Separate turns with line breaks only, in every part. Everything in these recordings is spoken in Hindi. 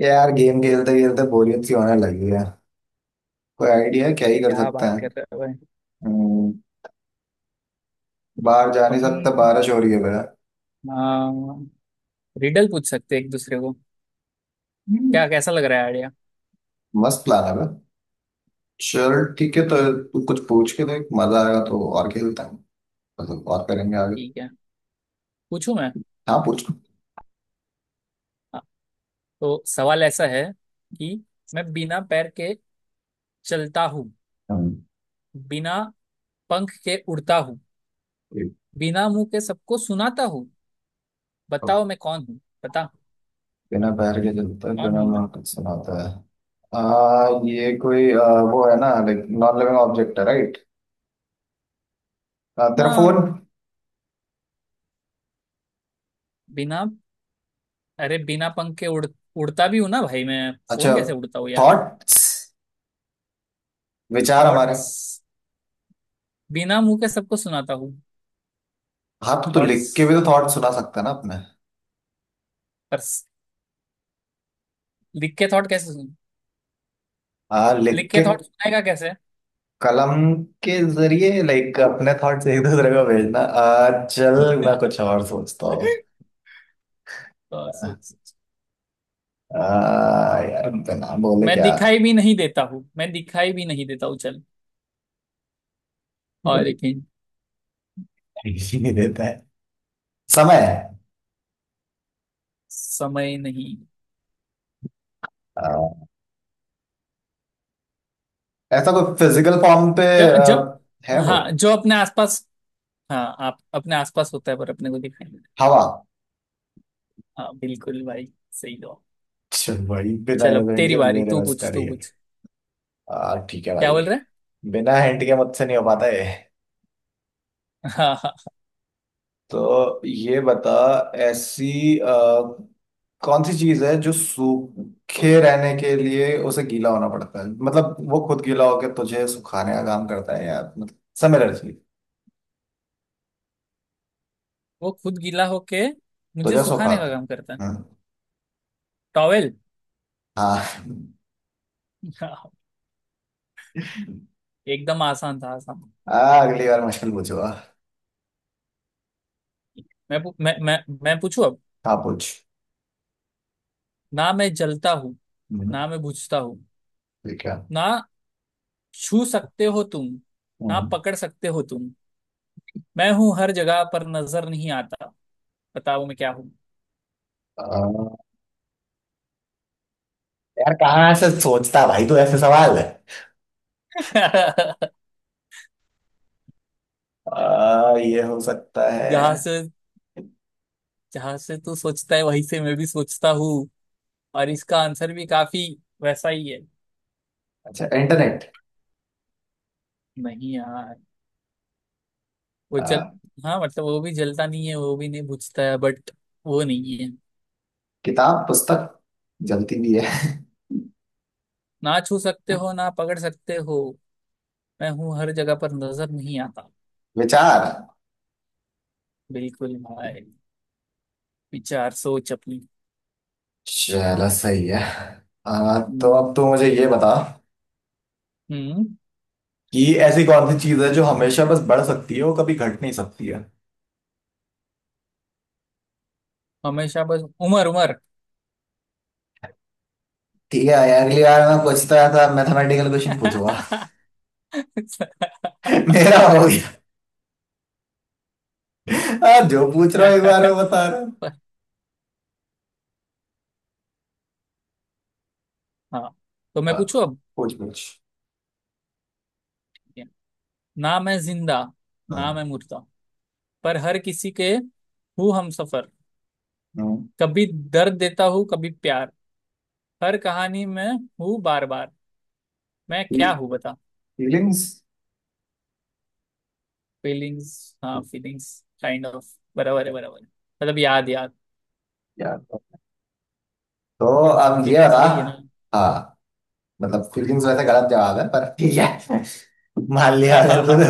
ये यार गेम खेलते खेलते बोरियत सी होने लगी है। कोई आइडिया है क्या ही कर
क्या
सकते
बात
हैं।
कर रहे हो भाई।
हम्म। बाहर जा नहीं सकता,
अपन
बारिश हो रही है बेटा।
रिडल पूछ सकते हैं एक दूसरे को।
हम्म।
क्या कैसा लग रहा है आइडिया।
मस्त प्लान है बे। चल ठीक है, तो तू कुछ पूछ के देख, मजा आएगा तो और खेलते हैं। मतलब और करेंगे आगे।
ठीक है। पूछूं मैं।
हाँ पूछ।
हाँ, तो सवाल ऐसा है कि मैं बिना पैर के चलता हूँ,
हम्म।
बिना पंख के उड़ता हूँ,
एक।
बिना मुंह के सबको सुनाता हूँ।
तो
बताओ मैं कौन हूँ। बता।
बिना पैर के चलता है,
कौन
बिना
हूँ मैं।
मुंह के सुनाता है। ये कोई वो है ना, लाइक नॉन लिविंग ऑब्जेक्ट है राइट। तेरा फोन।
हाँ, बिना अरे बिना पंख के उड़ उड़ता भी हूँ ना भाई, मैं
अच्छा,
फोन कैसे उड़ता हूँ यार।
थॉट्स, विचार हमारे।
थॉट्स। बिना मुंह के सबको सुनाता हूँ।
हाँ तो
थॉट्स
लिख के भी तो थॉट सुना सकते हैं ना अपने।
पर लिख के थॉट कैसे सुन,
लिख
लिख के
के
थॉट सुनाएगा कैसे।
कलम के जरिए, लाइक अपने थॉट्स एक दूसरे को भेजना। चल मैं कुछ और सोचता हूँ।
और सोच।
आ, यार बिना बोले
मैं
क्या।
दिखाई भी नहीं देता हूँ, मैं दिखाई भी नहीं देता हूँ चल।
वो
और एक hint,
ही नहीं देता है। समय।
समय नहीं।
आ, ऐसा कोई फिजिकल फॉर्म पे
ज, ज,
आ, है वो।
हाँ जो अपने आसपास, हाँ आप अपने आसपास होता है पर अपने को दिखाई नहीं
हवा।
देता। हाँ, बिल्कुल भाई। सही जवाब।
अच्छा भाई, बिना
चल अब
हिंट
तेरी
के
बारी,
मेरे
तू
बस
पूछ तू
करिए।
पूछ।
ठीक है
क्या
भाई,
बोल रहा
बिना हिंट के मुझसे नहीं हो पाता है।
है। हाँ हाँ।
तो ये बता, ऐसी कौन सी चीज है जो सूखे रहने के लिए उसे गीला होना पड़ता है, मतलब वो खुद गीला होकर तुझे सुखाने का काम करता है, या मतलब सिमिलर चीज।
वो खुद गीला होके मुझे
तुझे
सुखाने का
सुखाता
काम करता है।
है। हम्म।
टॉवेल।
हाँ
हाँ, एकदम आसान था, आसान।
आ, अगली बार मुश्किल पूछूंगा।
मैं पू- मैं मैं मैं पूछू अब।
हाँ पूछ।
ना मैं जलता हूँ,
हम्म।
ना मैं बुझता हूँ,
ठीक है।
ना छू सकते हो तुम, ना
हम्म।
पकड़ सकते हो तुम। मैं हूँ हर जगह पर नजर नहीं आता। बताओ मैं क्या हूँ।
अ, यार कहाँ ऐसे सोचता भाई तू, ऐसे सवाल है। ये हो सकता है।
जहां से, जहां से तू सोचता है वहीं से मैं भी सोचता हूँ। और इसका आंसर भी काफी वैसा ही है।
अच्छा, इंटरनेट।
नहीं यार, वो जल हाँ मतलब वो भी जलता नहीं है, वो भी नहीं बुझता है बट वो नहीं है।
किताब, पुस्तक जलती भी है
ना छू सकते हो ना पकड़ सकते हो, मैं हूँ हर जगह पर नजर नहीं आता।
विचार।
बिल्कुल भाई। विचार, सोच अपनी।
चलो सही है। तो अब तो
हम्म।
मुझे ये बता
हम्म,
कि ऐसी कौन सी चीज है जो हमेशा बस बढ़ सकती है, वो कभी घट नहीं सकती है।
हमेशा बस उम्र उम्र।
ठीक है यार, अगली बार मैं पूछता था, मैथमेटिकल क्वेश्चन पूछूंगा।
क्या
मेरा हो गया। जो पूछ रहा
क्या
हूँ एक
क्या
बार वो बता रहा हूँ।
पर। हाँ, तो मैं
आ,
पूछू अब।
पूछ पूछ।
ना मैं जिंदा, ना मैं मुर्दा, पर हर किसी के हूँ हम सफर। कभी दर्द देता हूँ कभी प्यार। हर कहानी में हूँ बार बार। मैं क्या हूँ बता।
फीलिंग्स।
फीलिंग्स। हाँ फीलिंग्स काइंड ऑफ बराबर है, बराबर है मतलब याद याद।
यार तो अब ये
फीलिंग्स
बता।
वही है ना।
हाँ मतलब फीलिंग्स वैसे गलत जवाब है, पर ठीक है मान लिया
हाँ
अगर
हाँ।
तूने।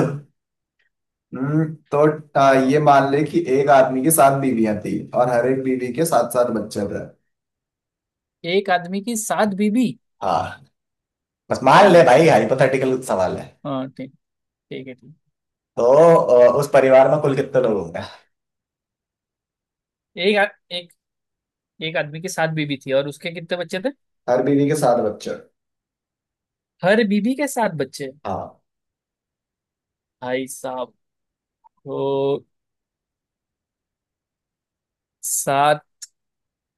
हम्म। तो ये
हाँ,
मान ले कि एक आदमी की सात बीवियां थी, और हर एक बीवी के सात सात बच्चे थे।
एक आदमी की सात बीबी।
हाँ, बस मान
हाँ
ले भाई,
ठीक है।
हाइपोथेटिकल सवाल है।
हाँ ठीक। ठीक है ठीक।
तो उस परिवार में कुल कितने लोग होंगे।
एक आ, एक एक आदमी की सात बीबी थी और उसके कितने बच्चे थे।
हर बीवी के सात बच्चे।
हर बीबी के सात बच्चे।
हाँ।
भाई साहब। तो सात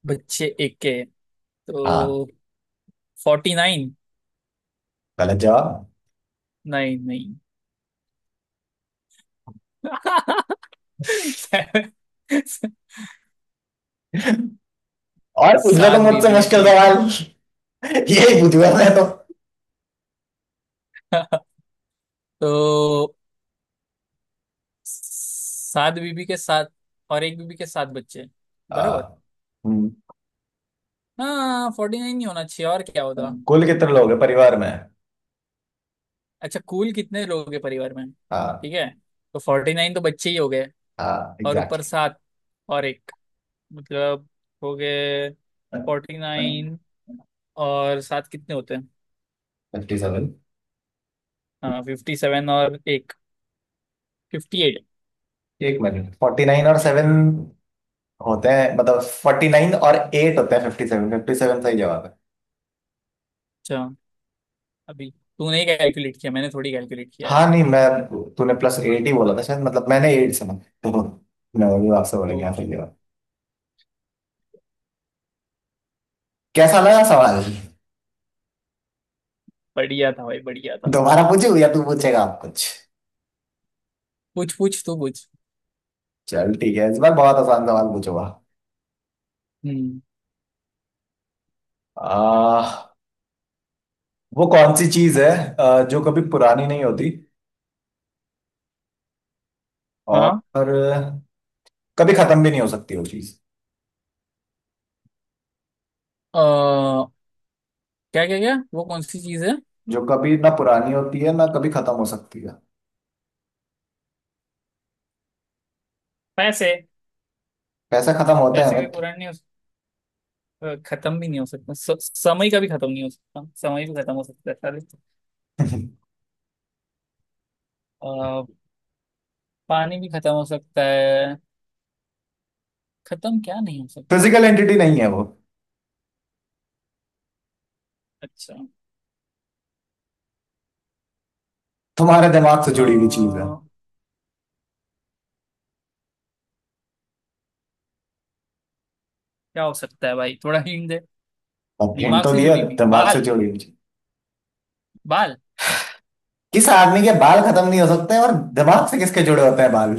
बच्चे एक के।
हाँ।
तो 49।
गलत जवाब।
नहीं नहीं।
और पूछ लो तो
सात
मुझसे
बीबी है
मुश्किल
ठीक है।
सवाल। यही पूछूंगा मैं तो।
तो सात बीबी के साथ और एक बीबी के सात बच्चे
हाँ।
बराबर।
हम्म।
हाँ, फोर्टी नाइन नहीं होना चाहिए, और क्या होता।
कुल कितने लोग हैं परिवार में।
अच्छा कुल कितने लोग हैं परिवार में, ठीक
हाँ।
है। तो 49 तो बच्चे ही हो गए।
हाँ
और ऊपर
एग्जैक्टली।
सात और एक, मतलब हो गए 49 और सात कितने होते हैं।
57।
हाँ 57 और एक, 58।
एक मिनट, फोर्टी नाइन और
50।
सेवन होते हैं, मतलब 49 और 8 होते हैं 57, 57 सही जवाब है।
अच्छा। अभी तूने ही कैलकुलेट किया, मैंने थोड़ी कैलकुलेट किया यार।
हाँ नहीं, मैं, तूने प्लस एट ही बोला था शायद, मतलब मैंने एट सुना। तो मैं वही आपसे बोलेंगे, हाँ
ओके।
सही जवाब। कैसा लगा सवाल।
बढ़िया था भाई, बढ़िया था।
दोबारा पूछू या तू पूछेगा आप कुछ।
पूछ पूछ तू पूछ।
चल ठीक है, इस बार बहुत आसान सवाल पूछूंगा।
हम्म।
आ, वो कौन सी चीज है जो कभी पुरानी नहीं होती,
हाँ।
और कभी खत्म भी नहीं हो सकती वो चीज।
अ, क्या क्या क्या वो कौन सी चीज़ है।
जो कभी ना पुरानी होती है, ना कभी खत्म हो सकती है।
पैसे।
पैसा खत्म होता
पैसे
है।
कोई पुरानी नहीं। खत्म भी नहीं हो सकता, समय का भी खत्म नहीं हो सकता, समय भी खत्म हो सकता है सारे। अ, पानी भी खत्म हो सकता है। खत्म क्या नहीं हो सकता।
फिजिकल एंटिटी नहीं है वो।
अच्छा।
तुम्हारे दिमाग से जुड़ी हुई चीज है।
क्या हो सकता है भाई, थोड़ा हिंट दे।
अब हिंट
दिमाग
तो
से
दिया,
जुड़ी हुई
दिमाग से
बाल।
जुड़ी हुई चीज।
बाल।
किस आदमी के बाल खत्म नहीं हो सकते, और दिमाग से किसके जुड़े होते हैं बाल।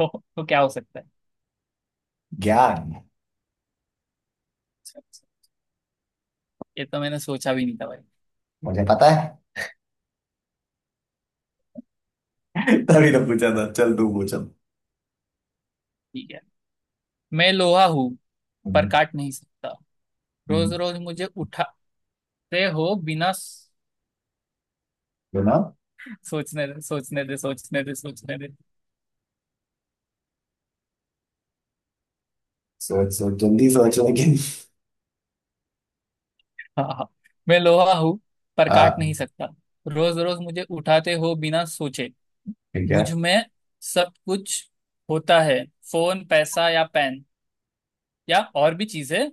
हो तो क्या हो सकता है।
ज्ञान।
अच्छा, अच्छा। ये तो मैंने सोचा भी नहीं था भाई।
मुझे पता है। तभी तो पूछा था, चल तू पूछ अब।
ठीक है। मैं लोहा हूँ पर
हम्म।
काट नहीं सकता। रोज
हम्म।
रोज मुझे उठाते हो बिना
बिना।
सोचने दे, सोचने दे, सोचने दे, सोचने दे।
सोच सोच, जल्दी सोच लेकिन।
हाँ हाँ। मैं लोहा हूँ पर काट नहीं
हाँ
सकता। रोज रोज मुझे उठाते हो बिना सोचे।
ठीक है।
मुझ में सब कुछ होता है, फोन पैसा या पेन या और भी चीजें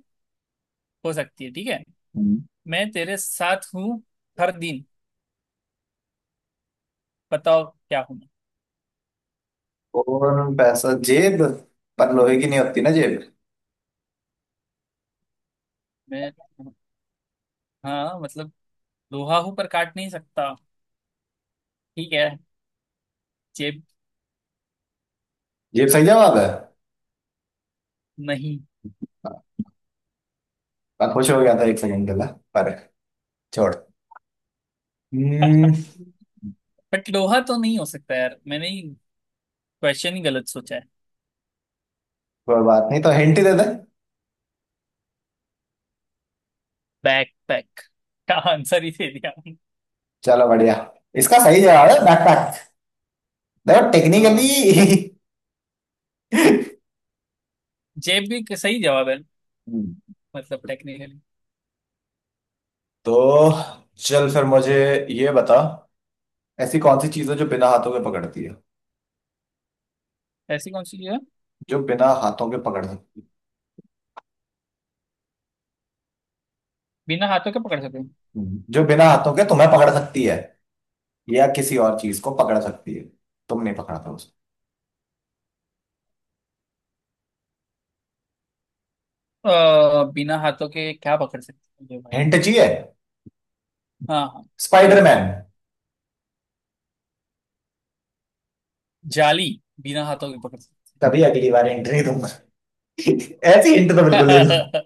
हो सकती है, ठीक है।
हम्म।
मैं तेरे साथ हूँ हर दिन। बताओ क्या हूँ।
और पैसा, जेब। पर लोहे की नहीं होती ना जेब।
मैं मैं हाँ मतलब लोहा हूँ पर काट नहीं सकता, ठीक है। जेब।
जेब सही जवाब है।
नहीं।
मैं खुश हो गया था 1 सेकंड के लिए, पर छोड़। हम्म।
बट लोहा तो नहीं हो सकता यार, मैंने ही क्वेश्चन ही गलत सोचा है।
कोई बात नहीं, तो हिंट ही दे दे।
बैक पैक का आंसर ही दे दिया।
चलो बढ़िया। इसका सही जवाब है बैकपैक। देखो टेक्निकली
हाँ, जेब भी सही जवाब है,
हम्म।
मतलब टेक्निकली।
तो चल फिर मुझे ये बता, ऐसी कौन सी चीज है जो बिना हाथों के पकड़ती है।
ऐसी कौन सी चीज है
जो बिना हाथों के पकड़ सकती है,
बिना हाथों के पकड़ सकते हैं।
जो बिना हाथों के तुम्हें पकड़ सकती है, या किसी और चीज को पकड़ सकती है। तुम नहीं पकड़ा था उसको।
बिना हाथों के क्या पकड़ सकते हैं जो भाई।
हिंट चाहिए।
हाँ हाँ। बिल्कुल।
स्पाइडरमैन।
जाली बिना हाथों के पकड़ सकते
कभी अगली बार हिंट नहीं दूंगा। ऐसी हिंट तो बिल्कुल नहीं दूँ।
हैं।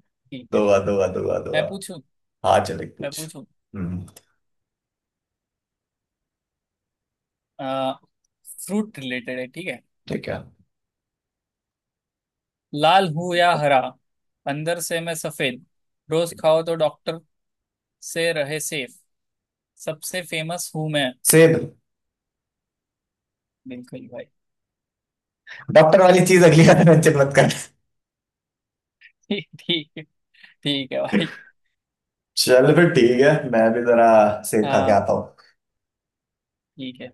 ठीक है।
दुआ दुआ दुआ दुआ।
मैं पूछूं।
हाँ चले
मैं
कुछ।
पूछूं।
हम्म।
आ, फ्रूट रिलेटेड है, ठीक है।
ठीक है।
लाल हूं या हरा, अंदर से मैं सफेद। रोज खाओ तो डॉक्टर से रहे सेफ। सबसे फेमस हूं मैं।
सेब।
बिल्कुल भाई।
डॉक्टर वाली चीज अगली बार मेंशन मत कर।
ठीक, ठीक है। ठीक है भाई।
चल फिर ठीक है, मैं भी जरा सेब खा के
हाँ
आता हूँ।
ठीक है।